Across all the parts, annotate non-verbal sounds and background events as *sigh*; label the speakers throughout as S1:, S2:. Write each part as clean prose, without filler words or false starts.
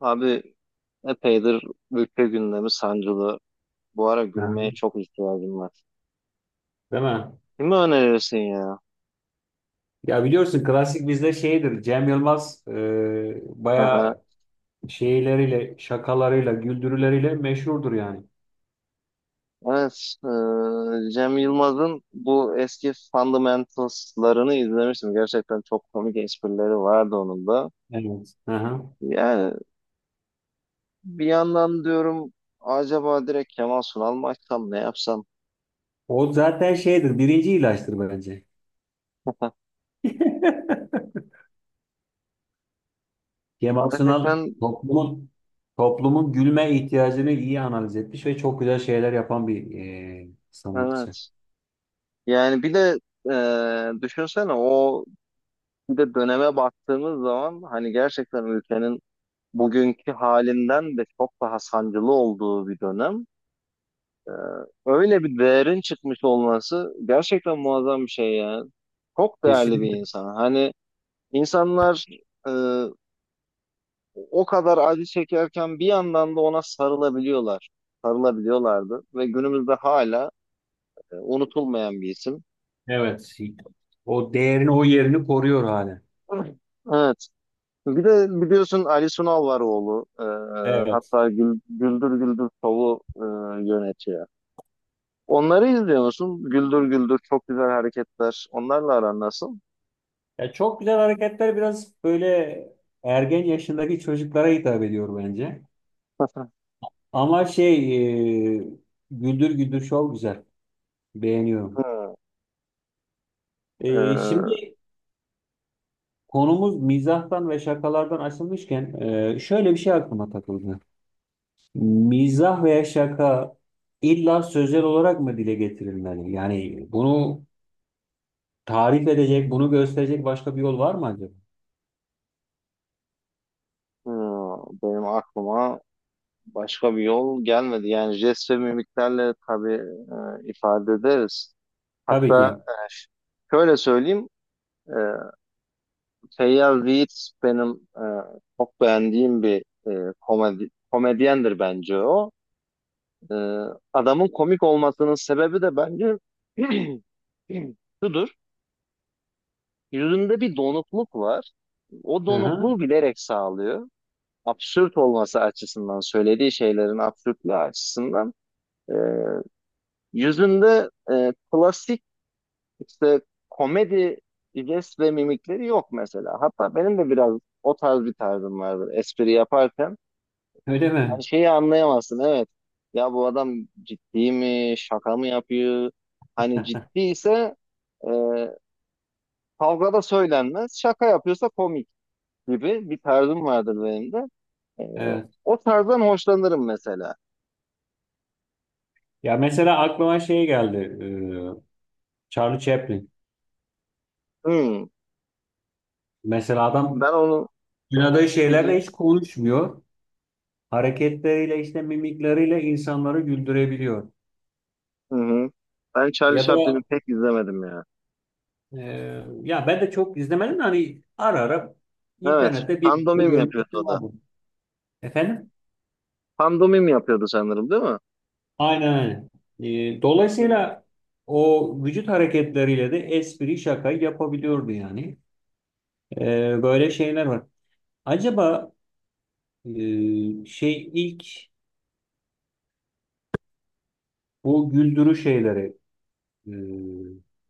S1: Abi epeydir ülke gündemi sancılı. Bu ara
S2: Aha,
S1: gülmeye çok ihtiyacım var.
S2: değil mi?
S1: Kimi önerirsin ya?
S2: Ya biliyorsun klasik bizde şeydir. Cem Yılmaz
S1: Aha.
S2: bayağı şeyleriyle, şakalarıyla, güldürüleriyle meşhurdur yani.
S1: Evet, Cem Yılmaz'ın bu eski Fundamentals'larını izlemiştim. Gerçekten çok komik esprileri vardı onun da.
S2: Evet. Aha.
S1: Yani bir yandan diyorum acaba direkt Kemal Sunal mı açsam ne yapsam?
S2: O zaten şeydir. Birinci ilaçtır bence.
S1: *laughs*
S2: *laughs* Kemal Sunal
S1: Gerçekten
S2: toplumun gülme ihtiyacını iyi analiz etmiş ve çok güzel şeyler yapan bir sanatçı.
S1: evet. Yani bir de düşünsene o bir de döneme baktığımız zaman hani gerçekten ülkenin bugünkü halinden de çok daha sancılı olduğu bir dönem. Öyle bir değerin çıkmış olması gerçekten muazzam bir şey ya. Çok değerli bir
S2: Kesinlikle.
S1: insan. Hani insanlar e, o kadar acı çekerken bir yandan da ona sarılabiliyorlar. Sarılabiliyorlardı ve günümüzde hala unutulmayan bir isim.
S2: Evet. O değerini, o yerini koruyor hala.
S1: Evet. Bir de biliyorsun Ali Sunal var oğlu. E, e,
S2: Evet.
S1: hatta Gül- Güldür Güldür Show'u yönetiyor. Onları izliyor musun? Güldür Güldür çok güzel hareketler. Onlarla aran nasıl?
S2: Ya çok güzel hareketler, biraz böyle ergen yaşındaki çocuklara hitap ediyor bence.
S1: *laughs*
S2: Ama şey, e, Güldür Güldür Show güzel. Beğeniyorum.
S1: Hı, e,
S2: Şimdi konumuz mizahtan ve şakalardan açılmışken şöyle bir şey aklıma takıldı. Mizah veya şaka illa sözel olarak mı dile getirilmeli? Yani bunu tarif edecek, bunu gösterecek başka bir yol var mı acaba?
S1: hı, benim aklıma başka bir yol gelmedi. Yani jest ve mimiklerle tabii ifade ederiz.
S2: Tabii
S1: Hatta
S2: ki.
S1: şöyle söyleyeyim. E, Feyyaz Yiğit benim çok beğendiğim bir komedyendir bence o. E, adamın komik olmasının sebebi de bence *clears throat* şudur. Yüzünde bir donukluk var. O
S2: Hı hı.
S1: donukluğu bilerek sağlıyor. Absürt olması açısından, söylediği şeylerin absürtlüğü açısından. Ee, yüzünde klasik işte komedi jest ve mimikleri yok mesela. Hatta benim de biraz o tarz bir tarzım vardır espri yaparken.
S2: Öyle
S1: Hani
S2: mi?
S1: şeyi anlayamazsın, evet. Ya bu adam ciddi mi, şaka mı yapıyor? Hani
S2: *laughs*
S1: ciddiyse e, kavgada söylenmez, şaka yapıyorsa komik, gibi bir tarzım vardır benim de. Ee,
S2: Evet.
S1: o tarzdan hoşlanırım mesela.
S2: Ya mesela aklıma şey geldi. Charlie Chaplin.
S1: Hmm,
S2: Mesela adam
S1: ben onu
S2: oynadığı
S1: hı
S2: şeylerle
S1: hı,
S2: hiç konuşmuyor. Hareketleriyle, işte mimikleriyle insanları güldürebiliyor.
S1: hı hı. Ben Charlie
S2: Ya da
S1: Chaplin'i pek izlemedim ya.
S2: e, ya ben de çok izlemedim de hani ara ara
S1: Evet,
S2: internette bir de
S1: pandomim yapıyordu
S2: görmüştüm,
S1: o da.
S2: vardı. Efendim?
S1: Pandomim yapıyordu sanırım, değil mi?
S2: Aynen aynen. Dolayısıyla o vücut hareketleriyle de espri, şaka yapabiliyordu yani. E, böyle şeyler var. Acaba şey ilk, bu güldürü şeyleri, e,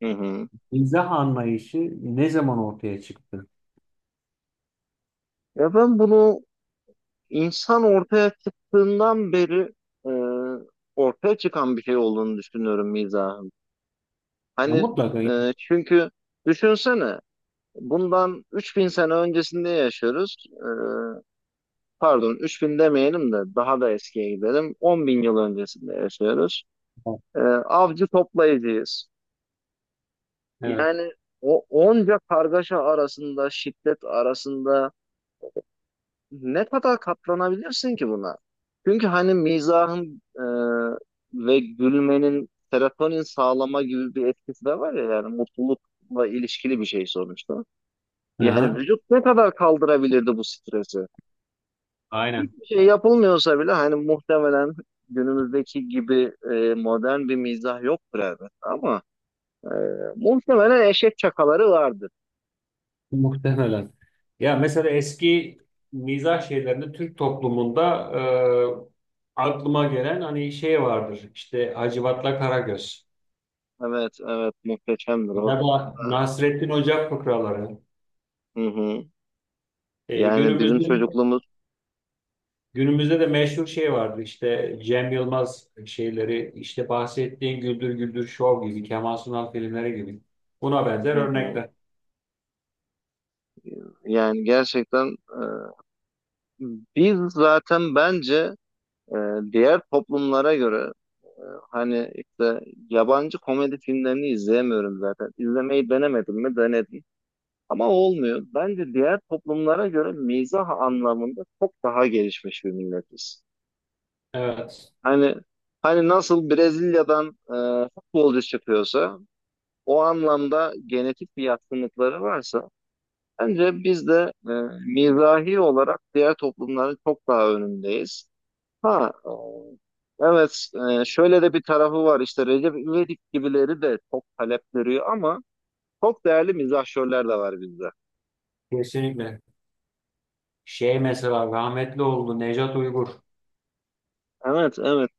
S1: Hı hı. Hı.
S2: mizah anlayışı ne zaman ortaya çıktı?
S1: Ya ben bunu insan ortaya çıktığından beri e, ortaya çıkan bir şey olduğunu düşünüyorum mizahın.
S2: Ya
S1: Hani
S2: mutlaka. *laughs*
S1: çünkü düşünsene bundan 3000 sene öncesinde yaşıyoruz. Pardon, 3000 demeyelim de daha da eskiye gidelim. 10 bin yıl öncesinde yaşıyoruz. Avcı toplayıcıyız.
S2: Evet.
S1: Yani o onca kargaşa arasında, şiddet arasında ne kadar katlanabilirsin ki buna? Çünkü hani mizahın ve gülmenin serotonin sağlama gibi bir etkisi de var ya, yani mutlulukla ilişkili bir şey sonuçta. Yani
S2: Aha,
S1: vücut ne kadar kaldırabilirdi bu stresi?
S2: aynen.
S1: Hiçbir şey yapılmıyorsa bile hani muhtemelen günümüzdeki gibi modern bir mizah yoktur elbette, ama e, muhtemelen eşek çakaları vardır.
S2: Muhtemelen. Ya mesela eski mizah şeylerinde Türk toplumunda aklıma gelen hani şey vardır. İşte Hacivat'la Karagöz
S1: Evet, evet, muhteşemdir o.
S2: ya da Nasrettin Hoca fıkraları.
S1: Hı hı.
S2: E,
S1: Yani
S2: günümüzde,
S1: bizim çocukluğumuz,
S2: günümüzde de meşhur şey vardı işte Cem Yılmaz şeyleri, işte bahsettiğin Güldür Güldür Show gibi, Kemal Sunal filmleri gibi buna benzer
S1: hı hı.
S2: örnekler.
S1: Yani gerçekten biz zaten bence e, diğer toplumlara göre e, hani işte yabancı komedi filmlerini izleyemiyorum zaten. İzlemeyi denemedim mi? Denedim. Ama olmuyor. Bence diğer toplumlara göre mizah anlamında çok daha gelişmiş bir milletiz.
S2: Evet,
S1: Hani nasıl Brezilya'dan futbolcu çıkıyorsa, o anlamda genetik bir yatkınlıkları varsa, bence biz de mizahi olarak diğer toplumların çok daha önündeyiz. Ha, evet, şöyle de bir tarafı var işte, Recep İvedik gibileri de çok talep görüyor ama çok değerli mizahşörler de var bizde.
S2: kesinlikle. Şey mesela rahmetli oldu, Nejat Uygur
S1: Evet, evet.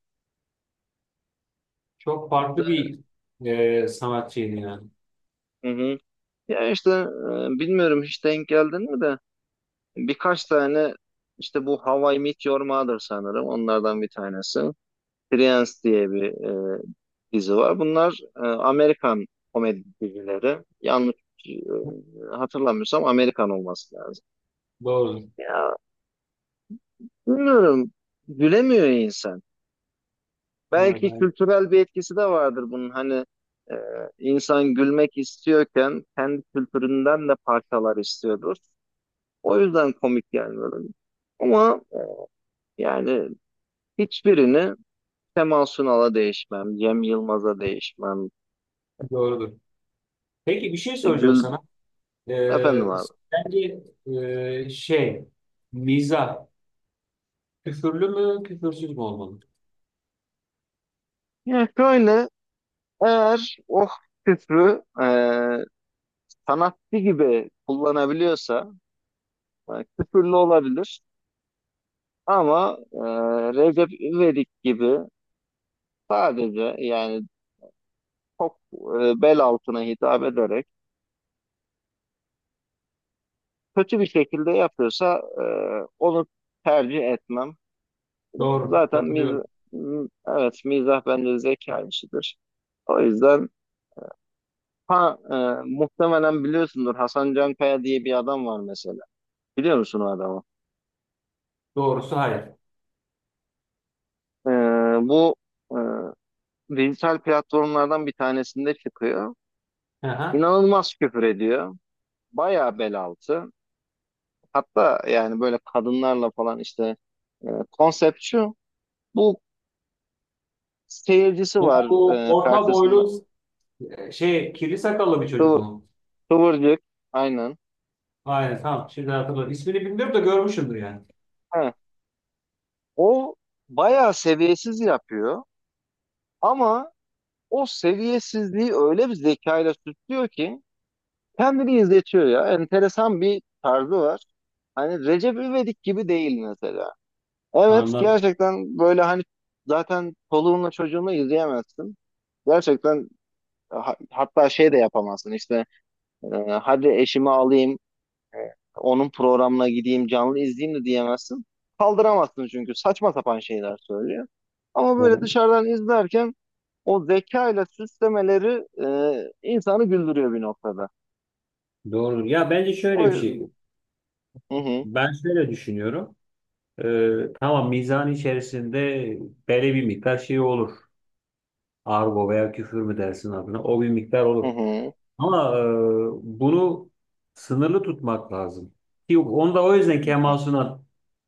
S2: çok
S1: İşte,
S2: farklı bir sanatçıydı yani.
S1: hı hı. Ya işte bilmiyorum hiç denk geldin mi de, birkaç tane işte, bu How I Met Your Mother sanırım onlardan bir tanesi. Friends diye bir e, dizi var. Bunlar Amerikan komedi dizileri. Yanlış e, hatırlamıyorsam Amerikan olması lazım.
S2: Doğrudur.
S1: Ya bilmiyorum, gülemiyor insan.
S2: Evet,
S1: Belki
S2: hayır,
S1: kültürel bir etkisi de vardır bunun. Hani e, insan gülmek istiyorken kendi kültüründen de parçalar istiyordur. O yüzden komik gelmiyor. Ama yani hiçbirini Kemal Sunal'a değişmem, Cem Yılmaz'a değişmem,
S2: doğrudur. Peki bir şey
S1: işte
S2: soracağım
S1: Gül,
S2: sana. Ee,
S1: efendim abi.
S2: sence şey mizah küfürlü mü küfürsüz mü olmalı?
S1: Yani şöyle, eğer o küfrü sanatçı gibi kullanabiliyorsa e, küfürlü olabilir, ama Recep İvedik gibi sadece, yani çok bel altına hitap ederek kötü bir şekilde yapıyorsa onu tercih etmem.
S2: Doğru,
S1: Zaten miz
S2: katılıyorum.
S1: Evet, mizah bence zeka işidir. O yüzden, ha e, muhtemelen biliyorsundur, Hasan Cankaya diye bir adam var mesela. Biliyor musun o adamı?
S2: Doğrusu hayır.
S1: E, bu e, dijital platformlardan bir tanesinde çıkıyor.
S2: Aha.
S1: İnanılmaz küfür ediyor. Bayağı bel altı. Hatta yani böyle kadınlarla falan işte, konsept şu. Bu seyircisi
S2: Bu
S1: var
S2: bu orta
S1: karşısında.
S2: boylu, şey kirli sakallı bir çocuk
S1: Kıvır,
S2: mu?
S1: kıvırcık, aynen.
S2: Aynen, tamam, şimdi hatırladım. İsmini bilmiyorum da görmüşümdür yani.
S1: O bayağı seviyesiz yapıyor ama o seviyesizliği öyle bir zekayla süslüyor ki kendini izletiyor ya. Enteresan bir tarzı var. Hani Recep İvedik gibi değil mesela. Evet,
S2: Anladım.
S1: gerçekten böyle hani zaten çoluğunla çocuğunla izleyemezsin. Gerçekten hatta şey de yapamazsın işte, e, hadi eşimi alayım onun programına gideyim canlı izleyeyim de diyemezsin. Kaldıramazsın çünkü saçma sapan şeyler söylüyor. Ama böyle
S2: Yani
S1: dışarıdan izlerken o zekayla süslemeleri insanı güldürüyor bir noktada.
S2: doğrudur. Ya bence şöyle
S1: O
S2: bir şey.
S1: yüzden... Hı hı,
S2: Ben şöyle düşünüyorum. Tamam, mizan içerisinde belli bir miktar şey olur. Argo veya küfür mü dersin adına? O bir miktar
S1: hı
S2: olur.
S1: hı.
S2: Ama bunu sınırlı tutmak lazım. Ki yok, onu da o yüzden
S1: Kesinlikle.
S2: Kemal Sunal.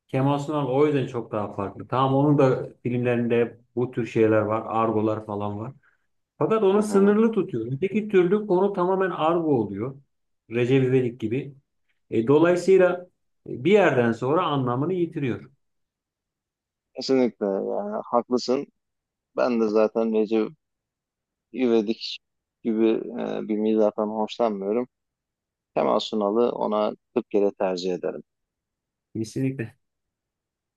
S2: Kemal Sunal o yüzden çok daha farklı. Tamam, onun da filmlerinde hep bu tür şeyler var. Argolar falan var. Fakat
S1: Hı
S2: onu
S1: hı.
S2: sınırlı tutuyor. Öteki türlü konu tamamen argo oluyor. Recep İvedik gibi. Dolayısıyla bir yerden sonra anlamını yitiriyor.
S1: Kesinlikle, yani haklısın. Ben de zaten Recep İvedik gibi bir mizahtan hoşlanmıyorum. Kemal Sunal'ı ona 40 kere tercih ederim.
S2: Kesinlikle.